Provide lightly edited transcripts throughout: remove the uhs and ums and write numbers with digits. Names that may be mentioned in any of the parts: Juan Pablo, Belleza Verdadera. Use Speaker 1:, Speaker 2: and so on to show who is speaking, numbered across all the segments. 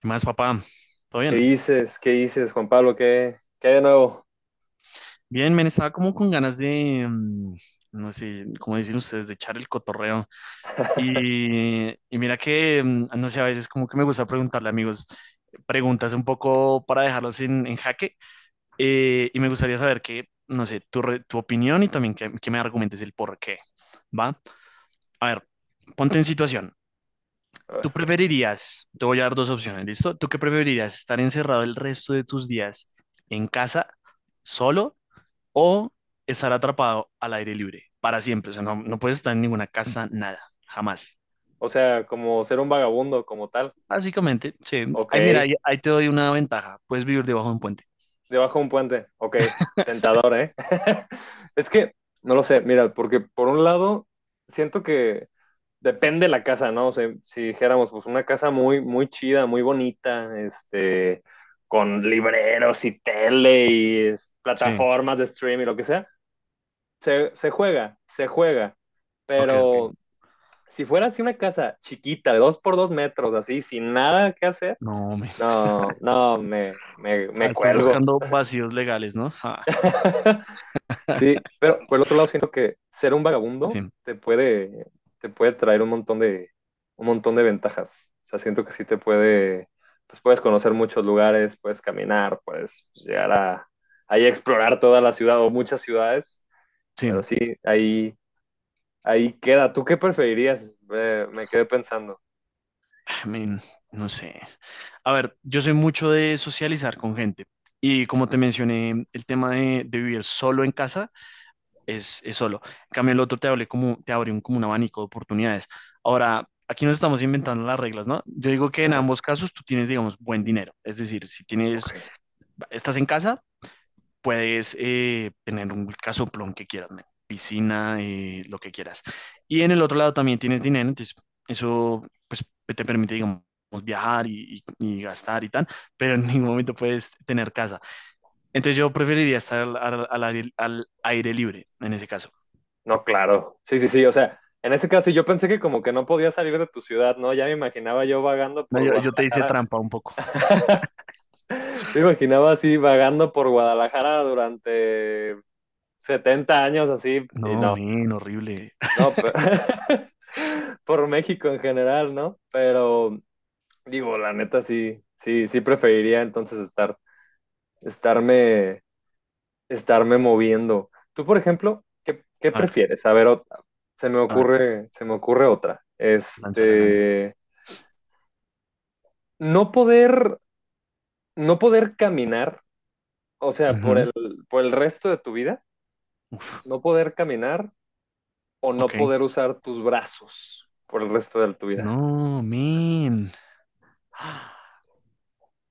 Speaker 1: ¿Qué más, papá? ¿Todo
Speaker 2: ¿Qué
Speaker 1: bien?
Speaker 2: dices? ¿Qué dices, Juan Pablo? ¿Qué, qué hay de nuevo?
Speaker 1: Bien, men, estaba como con ganas de, no sé, como dicen ustedes, de echar el cotorreo. Y mira que, no sé, a veces como que me gusta preguntarle, a amigos, preguntas un poco para dejarlos en jaque. Y me gustaría saber que, no sé, tu opinión y también que me argumentes el por qué, ¿va? A ver, ponte en situación.
Speaker 2: A ver,
Speaker 1: ¿Tú preferirías? Te voy a dar dos opciones, ¿listo? ¿Tú qué preferirías? ¿Estar encerrado el resto de tus días en casa, solo, o estar atrapado al aire libre para siempre? O sea, no, no puedes estar en ninguna casa, nada, jamás.
Speaker 2: o sea, como ser un vagabundo, como tal.
Speaker 1: Básicamente, sí.
Speaker 2: Ok.
Speaker 1: Ay, mira, ahí te doy una ventaja. Puedes vivir debajo de un puente.
Speaker 2: Debajo de un puente. Ok. Tentador, ¿eh? Es que no lo sé, mira, porque por un lado, siento que depende la casa, ¿no? O sea, si dijéramos, pues una casa muy, muy chida, muy bonita, con libreros y tele y
Speaker 1: Sí.
Speaker 2: plataformas de stream y lo que sea, se juega, se juega.
Speaker 1: Ok, ok.
Speaker 2: Pero si fuera así una casa chiquita, de dos por dos metros, así, sin nada que hacer,
Speaker 1: No, me.
Speaker 2: no, no, me, me,
Speaker 1: Ah,
Speaker 2: me
Speaker 1: estás
Speaker 2: cuelgo.
Speaker 1: buscando vacíos legales, ¿no? Ah,
Speaker 2: Sí, pero por el otro lado siento que ser un
Speaker 1: sí,
Speaker 2: vagabundo te puede traer un montón de ventajas. O sea, siento que sí te puede, pues puedes conocer muchos lugares, puedes caminar, puedes llegar a, ahí a explorar toda la ciudad o muchas ciudades, pero
Speaker 1: sí.
Speaker 2: sí, ahí, ahí queda. ¿Tú qué preferirías? Me quedé pensando.
Speaker 1: I mean, no sé. A ver, yo soy mucho de socializar con gente. Y como te mencioné, el tema de vivir solo en casa es solo. En cambio, el otro te abre como, te abre un, como un abanico de oportunidades. Ahora, aquí nos estamos inventando las reglas, ¿no? Yo digo que en ambos casos tú tienes, digamos, buen dinero. Es decir, si tienes,
Speaker 2: Ok.
Speaker 1: estás en casa, puedes tener un casoplón que quieras, ¿no? Piscina, lo que quieras. Y en el otro lado también tienes dinero, entonces eso pues te permite, digamos, viajar y, y gastar y tal, pero en ningún momento puedes tener casa. Entonces yo preferiría estar al aire al aire libre en ese caso.
Speaker 2: No, claro. Sí, sí, sí. O sea, en ese caso yo pensé que como que no podía salir de tu ciudad, ¿no? Ya me imaginaba yo vagando
Speaker 1: No,
Speaker 2: por
Speaker 1: yo te hice
Speaker 2: Guadalajara.
Speaker 1: trampa un poco.
Speaker 2: Me imaginaba así vagando por Guadalajara durante 70 años así y
Speaker 1: No,
Speaker 2: no,
Speaker 1: men, horrible.
Speaker 2: no, pero por México en general, ¿no? Pero digo, la neta sí, sí, sí preferiría entonces estar, estarme estarme moviendo. Tú, por ejemplo, ¿qué, qué
Speaker 1: A ver,
Speaker 2: prefieres? A ver, otra. se me
Speaker 1: a ver,
Speaker 2: ocurre, se me ocurre otra.
Speaker 1: lánzala, lánzala.
Speaker 2: No poder, no poder caminar, o sea,
Speaker 1: Ujú,
Speaker 2: por el resto de tu vida,
Speaker 1: uf,
Speaker 2: no poder caminar o no
Speaker 1: ok.
Speaker 2: poder usar tus brazos por el resto de tu vida.
Speaker 1: No, men. Ah,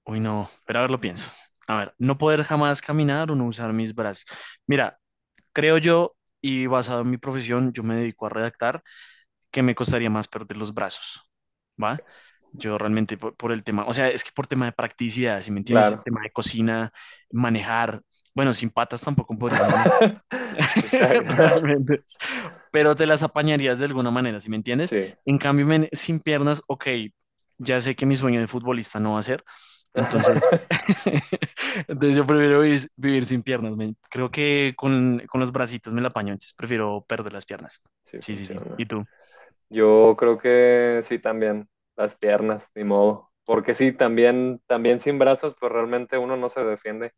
Speaker 1: uy, no. Pero a ver, lo pienso. A ver, no poder jamás caminar o no usar mis brazos. Mira, creo yo, y basado en mi profesión, yo me dedico a redactar, que me costaría más perder los brazos. ¿Va? Yo realmente por el tema, o sea, es que por tema de practicidad, si me entiendes,
Speaker 2: Claro.
Speaker 1: tema de cocina, manejar. Bueno, sin patas tampoco podrías manejar.
Speaker 2: Exacto.
Speaker 1: Realmente. Pero te las apañarías de alguna manera, ¿si me entiendes?
Speaker 2: Sí.
Speaker 1: En cambio, men, sin piernas, ok, ya sé que mi sueño de futbolista no va a ser. Entonces, entonces yo prefiero vivir, vivir sin piernas, men. Creo que con los bracitos me la apaño, entonces prefiero perder las piernas.
Speaker 2: Sí
Speaker 1: Sí, sí, sí.
Speaker 2: funciona.
Speaker 1: ¿Y tú?
Speaker 2: Yo creo que sí también, las piernas, ni modo. Porque sí, también, también sin brazos, pues realmente uno no se defiende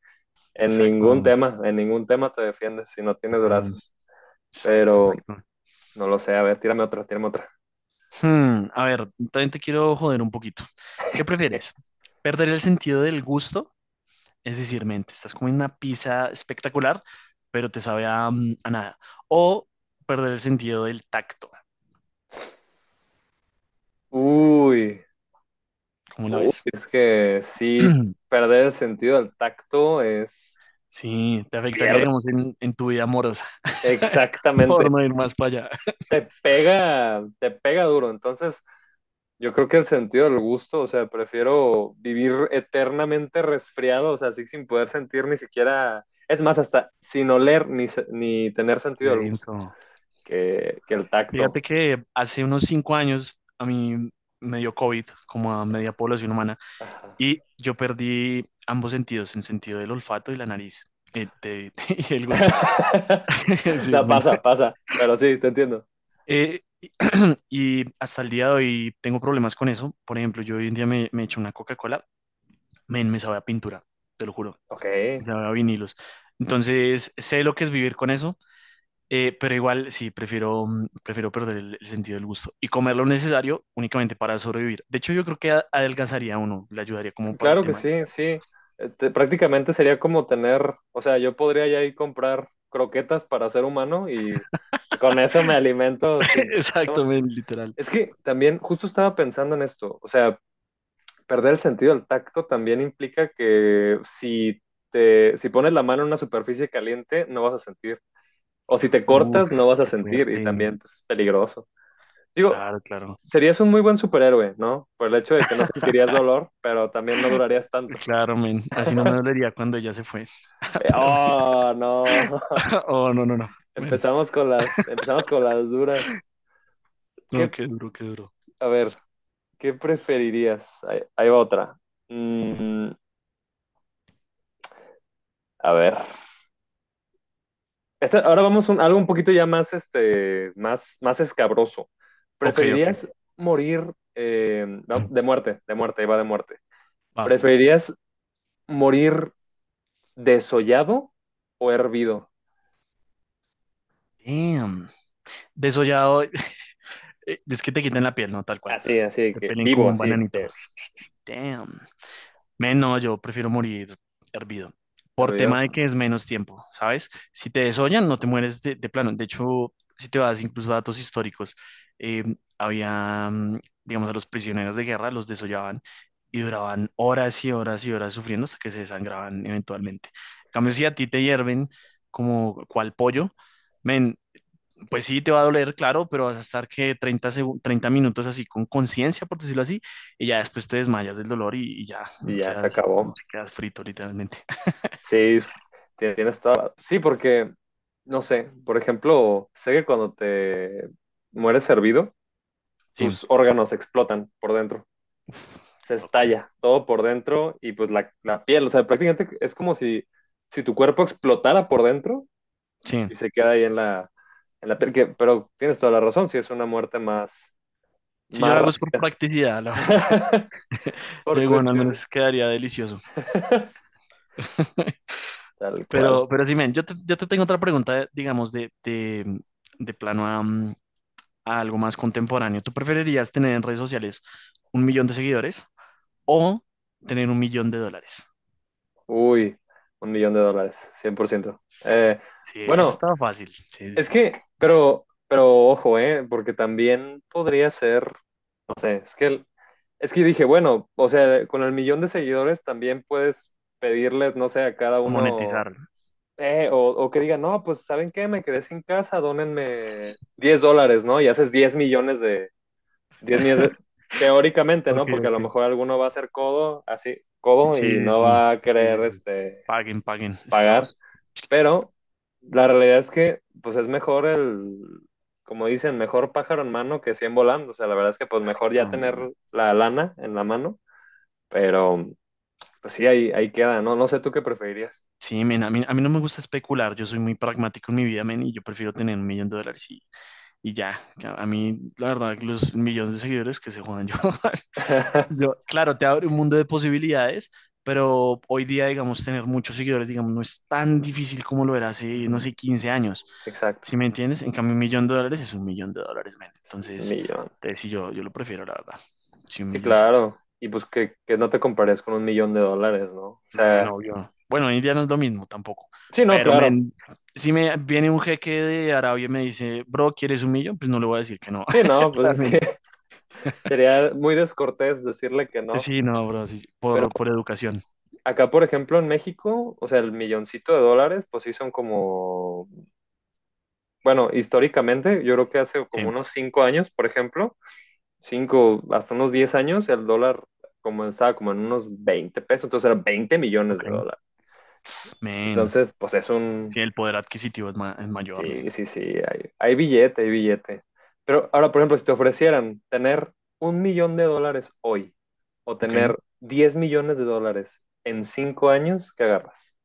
Speaker 1: Exacto.
Speaker 2: en ningún tema te defiendes si no tienes
Speaker 1: Ah,
Speaker 2: brazos.
Speaker 1: exacto,
Speaker 2: Pero
Speaker 1: exacto.
Speaker 2: no lo sé, a ver, tírame otra, tírame otra.
Speaker 1: Hmm, a ver, también te quiero joder un poquito. ¿Qué prefieres? ¿Perder el sentido del gusto? Es decir, men, te estás comiendo una pizza espectacular, pero te sabe a, a nada. O perder el sentido del tacto,
Speaker 2: Uy,
Speaker 1: ¿cómo la
Speaker 2: uy,
Speaker 1: ves?
Speaker 2: es que sí, perder el sentido del tacto es,
Speaker 1: Sí, te afectaría,
Speaker 2: pierde,
Speaker 1: digamos, en tu vida amorosa,
Speaker 2: exactamente,
Speaker 1: por no ir más para allá.
Speaker 2: te pega duro. Entonces, yo creo que el sentido del gusto, o sea, prefiero vivir eternamente resfriado, o sea, así sin poder sentir ni siquiera, es más, hasta sin oler ni, ni tener
Speaker 1: Qué
Speaker 2: sentido del gusto,
Speaker 1: denso.
Speaker 2: que el tacto.
Speaker 1: Fíjate
Speaker 2: Sí,
Speaker 1: que hace unos 5 años a mí me dio COVID, como a media
Speaker 2: claro.
Speaker 1: población humana,
Speaker 2: Ajá.
Speaker 1: y yo perdí ambos sentidos, el sentido del olfato y la nariz, eh, de- y el gusto. Sí,
Speaker 2: No,
Speaker 1: men.
Speaker 2: pasa, pasa, pero sí, te entiendo.
Speaker 1: Eh, y hasta el día de hoy tengo problemas con eso. Por ejemplo, yo hoy en día me echo una Coca-Cola, men, me sabe a pintura, te lo juro,
Speaker 2: Ok,
Speaker 1: me sabe a vinilos. Entonces, sé lo que es vivir con eso, pero igual sí, prefiero, prefiero perder el sentido del gusto y comer lo necesario únicamente para sobrevivir. De hecho, yo creo que adelgazaría a uno, le ayudaría como para el
Speaker 2: claro que
Speaker 1: tema.
Speaker 2: sí, sí. Prácticamente sería como tener, o sea, yo podría ya ir comprar croquetas para ser humano y con eso me alimento sin.
Speaker 1: Exactamente, literal.
Speaker 2: Es que también justo estaba pensando en esto, o sea, perder el sentido del tacto también implica que si pones la mano en una superficie caliente, no vas a sentir. O si te cortas,
Speaker 1: Uf,
Speaker 2: no vas a
Speaker 1: qué
Speaker 2: sentir y
Speaker 1: fuerte.
Speaker 2: también pues, es peligroso. Digo,
Speaker 1: Claro, claro.
Speaker 2: serías un muy buen superhéroe, ¿no? Por el hecho de que no sentirías dolor, pero también no durarías tanto.
Speaker 1: Claro, men. Así no me dolería cuando ella se fue. Pero
Speaker 2: Oh, no.
Speaker 1: oh, no, no, no. Bueno,
Speaker 2: Empezamos con las duras.
Speaker 1: no,
Speaker 2: ¿Qué,
Speaker 1: qué duro, qué duro.
Speaker 2: a ver, qué preferirías? Ahí, ahí va otra. Mm, a ver. Ahora vamos a algo un poquito ya más, más, más escabroso.
Speaker 1: Ok, ok.
Speaker 2: ¿Preferirías morir no, de muerte, ahí va de muerte?
Speaker 1: Va.
Speaker 2: ¿Preferirías morir desollado o hervido?
Speaker 1: Damn. Desollado. Es que te quitan la piel, no, tal cual.
Speaker 2: Así, así de
Speaker 1: Te
Speaker 2: que
Speaker 1: pelen
Speaker 2: vivo,
Speaker 1: como un
Speaker 2: así de que
Speaker 1: bananito.
Speaker 2: te
Speaker 1: Damn. Men, no, yo prefiero morir hervido. Por tema
Speaker 2: hervido.
Speaker 1: de que es menos tiempo, ¿sabes? Si te desollan, no te mueres de plano. De hecho, si te vas incluso a datos históricos, eh, había, digamos, a los prisioneros de guerra, los desollaban y duraban horas y horas y horas sufriendo hasta que se desangraban eventualmente. En cambio, si a ti te hierven como cual pollo, men, pues sí, te va a doler, claro, pero vas a estar que 30 minutos así con conciencia, por decirlo así, y ya después te desmayas del dolor y ya
Speaker 2: Y ya se
Speaker 1: quedas,
Speaker 2: acabó.
Speaker 1: quedas frito literalmente.
Speaker 2: Sí, tienes toda. Sí, porque no sé, por ejemplo, sé que cuando te mueres hervido,
Speaker 1: Sí,
Speaker 2: tus órganos explotan por dentro.
Speaker 1: uf,
Speaker 2: Se
Speaker 1: qué loco.
Speaker 2: estalla todo por dentro y pues la piel, o sea, prácticamente es como si, si tu cuerpo explotara por dentro
Speaker 1: Sí,
Speaker 2: y se queda ahí en la piel, que- pero tienes toda la razón, si es una muerte más,
Speaker 1: si yo
Speaker 2: más
Speaker 1: lo
Speaker 2: ra-
Speaker 1: hago es por practicidad, la verdad. Yo
Speaker 2: por
Speaker 1: digo, bueno, al
Speaker 2: cuestiones,
Speaker 1: menos quedaría delicioso.
Speaker 2: tal cual.
Speaker 1: Pero sí, men, yo te tengo otra pregunta, digamos, de plano a algo más contemporáneo. ¿Tú preferirías tener en redes sociales un millón de seguidores o tener un millón de dólares?
Speaker 2: Uy, un millón de dólares, 100%.
Speaker 1: Sí, eso
Speaker 2: Bueno,
Speaker 1: estaba fácil. Sí, sí,
Speaker 2: es
Speaker 1: sí.
Speaker 2: que, pero ojo, ¿eh? Porque también podría ser, no sé, es que dije, bueno, o sea, con el millón de seguidores también puedes pedirles, no sé, a cada uno,
Speaker 1: Monetizarlo.
Speaker 2: eh, o, o que digan, no, pues, ¿saben qué? Me quedé sin casa, dónenme 10 dólares, ¿no? Y haces 10 millones de, 10 millones de- teóricamente, ¿no?
Speaker 1: Ok,
Speaker 2: Porque a
Speaker 1: ok.
Speaker 2: lo mejor alguno va a ser codo, así, codo,
Speaker 1: Sí,
Speaker 2: y
Speaker 1: sí,
Speaker 2: no
Speaker 1: sí.
Speaker 2: va a
Speaker 1: Sí,
Speaker 2: querer,
Speaker 1: sí, sí. Paguen, paguen,
Speaker 2: pagar.
Speaker 1: esclavos.
Speaker 2: Pero la realidad es que, pues es mejor como dicen, mejor pájaro en mano que 100 volando. O sea, la verdad es que, pues mejor
Speaker 1: Exacto,
Speaker 2: ya tener
Speaker 1: men.
Speaker 2: la lana en la mano, pero pues sí, ahí, ahí queda, ¿no? No sé tú qué preferirías.
Speaker 1: Sí, men, a mí no me gusta especular. Yo soy muy pragmático en mi vida, men, y yo prefiero tener un millón de dólares y ya. Ya, a mí, la verdad, los millones de seguidores que se jodan yo. Yo, claro, te abre un mundo de posibilidades, pero hoy día, digamos, tener muchos seguidores, digamos, no es tan difícil como lo era hace, no
Speaker 2: Ujú.
Speaker 1: sé, 15 años.
Speaker 2: Exacto,
Speaker 1: ¿Sí me entiendes? En cambio, un millón de dólares es un millón de dólares, men.
Speaker 2: un
Speaker 1: Entonces,
Speaker 2: millón.
Speaker 1: te sí, yo lo prefiero, la verdad. Sí, un
Speaker 2: Sí,
Speaker 1: milloncito.
Speaker 2: claro. Y pues que no te compares con un millón de dólares, ¿no? O
Speaker 1: Men,
Speaker 2: sea,
Speaker 1: obvio. Bueno, hoy en día no es lo mismo tampoco.
Speaker 2: sí, no,
Speaker 1: Pero,
Speaker 2: claro.
Speaker 1: men, si me viene un jeque de Arabia y me dice, bro, ¿quieres un millón? Pues no le voy a decir que no.
Speaker 2: Sí, no, pues es que
Speaker 1: Realmente.
Speaker 2: sería muy descortés decirle que no.
Speaker 1: Sí, no, bro, sí, sí, por educación.
Speaker 2: Acá, por ejemplo, en México, o sea, el milloncito de dólares, pues sí son como, bueno, históricamente, yo creo que hace
Speaker 1: Sí,
Speaker 2: como unos 5 años, por ejemplo, cinco, hasta unos 10 años, el dólar comenzaba como en unos 20 pesos, entonces eran veinte millones
Speaker 1: ok.
Speaker 2: de dólares.
Speaker 1: Men.
Speaker 2: Entonces, pues es un,
Speaker 1: Sí, el poder adquisitivo es, es mayor, man.
Speaker 2: sí, sí, sí, hay billete, hay billete. Pero ahora, por ejemplo, si te ofrecieran tener un millón de dólares hoy o
Speaker 1: Ok,
Speaker 2: tener 10 millones de dólares en 5 años, ¿qué agarras?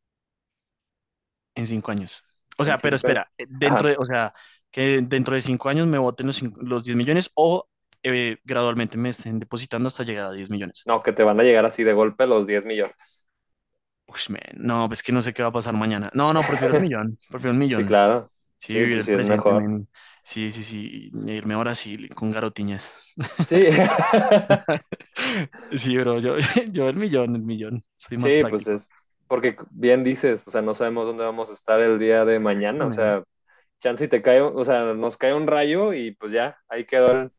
Speaker 1: en 5 años. O
Speaker 2: En
Speaker 1: sea, pero
Speaker 2: 5 años.
Speaker 1: espera, dentro
Speaker 2: Ajá.
Speaker 1: de, o sea, que dentro de 5 años me voten los 10 millones o gradualmente me estén depositando hasta llegar a 10 millones.
Speaker 2: No, que te van a llegar así de golpe los 10 millones.
Speaker 1: Ush, man, no, pues que no sé qué va a pasar mañana. No, no, prefiero el millón, prefiero el
Speaker 2: Sí,
Speaker 1: millón.
Speaker 2: claro.
Speaker 1: Sí,
Speaker 2: Sí,
Speaker 1: vivir
Speaker 2: pues
Speaker 1: el
Speaker 2: sí es
Speaker 1: presente,
Speaker 2: mejor.
Speaker 1: man. Sí, sí, sí, y irme a Brasil con garotiñas.
Speaker 2: Sí.
Speaker 1: Sí, bro, yo el millón, el millón. Soy más
Speaker 2: Sí, pues
Speaker 1: práctico.
Speaker 2: es porque bien dices, o sea, no sabemos dónde vamos a estar el día de
Speaker 1: Tú,
Speaker 2: mañana, o
Speaker 1: man.
Speaker 2: sea, chance y te cae, o sea, nos cae un rayo y pues ya,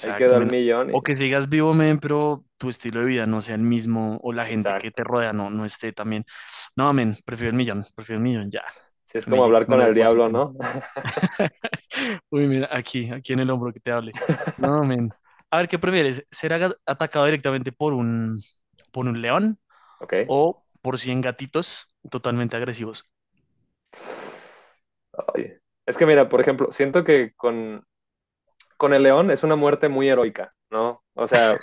Speaker 2: ahí quedó el
Speaker 1: men.
Speaker 2: millón y
Speaker 1: O que sigas vivo, men, pero tu estilo de vida no sea el mismo o la gente que te
Speaker 2: exacto.
Speaker 1: rodea no, no esté también. No, men, prefiero el
Speaker 2: Sí,
Speaker 1: millón, ya.
Speaker 2: sí, es
Speaker 1: Que me,
Speaker 2: como
Speaker 1: llegue-
Speaker 2: hablar
Speaker 1: que me
Speaker 2: con
Speaker 1: lo
Speaker 2: el diablo,
Speaker 1: depositen.
Speaker 2: ¿no?
Speaker 1: Uy, mira, aquí en el hombro que te hable. No, men. A ver, ¿qué prefieres? ¿Ser atacado directamente por un león
Speaker 2: Ok.
Speaker 1: o por cien gatitos totalmente agresivos?
Speaker 2: Oye. Es que mira, por ejemplo, siento que con el león es una muerte muy heroica, ¿no? O sea,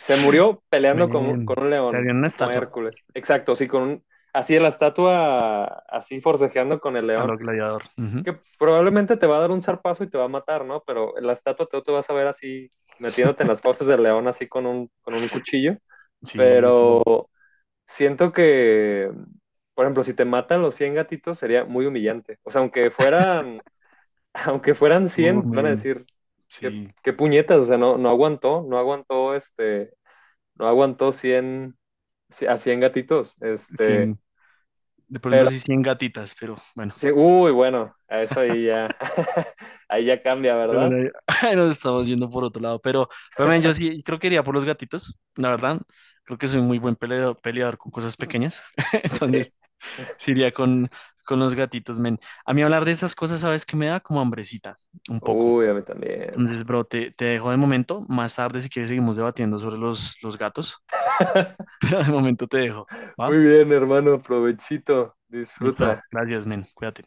Speaker 2: se murió peleando
Speaker 1: Men,
Speaker 2: con un
Speaker 1: te
Speaker 2: león,
Speaker 1: harían una
Speaker 2: como
Speaker 1: estatua
Speaker 2: Hércules. Exacto, sí, con un, así en la estatua, así forcejeando con el
Speaker 1: a
Speaker 2: león,
Speaker 1: lo gladiador. Ujú.
Speaker 2: que probablemente te va a dar un zarpazo y te va a matar, ¿no? Pero en la estatua tú te vas a ver así metiéndote en las fauces del león así con un cuchillo,
Speaker 1: Sí, sí,
Speaker 2: pero
Speaker 1: sí.
Speaker 2: siento que, por ejemplo, si te matan los 100 gatitos sería muy humillante. O sea, aunque fueran aunque fueran cien, van a
Speaker 1: Men,
Speaker 2: decir, qué,
Speaker 1: sí.
Speaker 2: qué puñetas, o sea, no, no aguantó, no aguantó, no aguantó 100, a 100 gatitos,
Speaker 1: 100, de pronto sí 100 gatitas,
Speaker 2: sí, uy, bueno, a eso ahí ya, ahí ya cambia,
Speaker 1: pero bueno,
Speaker 2: ¿verdad?
Speaker 1: ahí nos estamos yendo por otro lado. Pero men, yo sí creo que iría por los gatitos, la verdad. Creo que soy muy buen peleador, peleador con cosas pequeñas.
Speaker 2: Entonces sí,
Speaker 1: Entonces, sí iría con los gatitos, men. A mí hablar de esas cosas, ¿sabes que me da? Como hambrecita, un poco.
Speaker 2: uy, a mí también.
Speaker 1: Entonces, bro, te dejo de momento. Más tarde, si quieres, seguimos debatiendo sobre los gatos. Pero de momento te dejo, ¿va?
Speaker 2: Muy bien, hermano, provechito,
Speaker 1: Listo.
Speaker 2: disfruta.
Speaker 1: Gracias, men. Cuídate.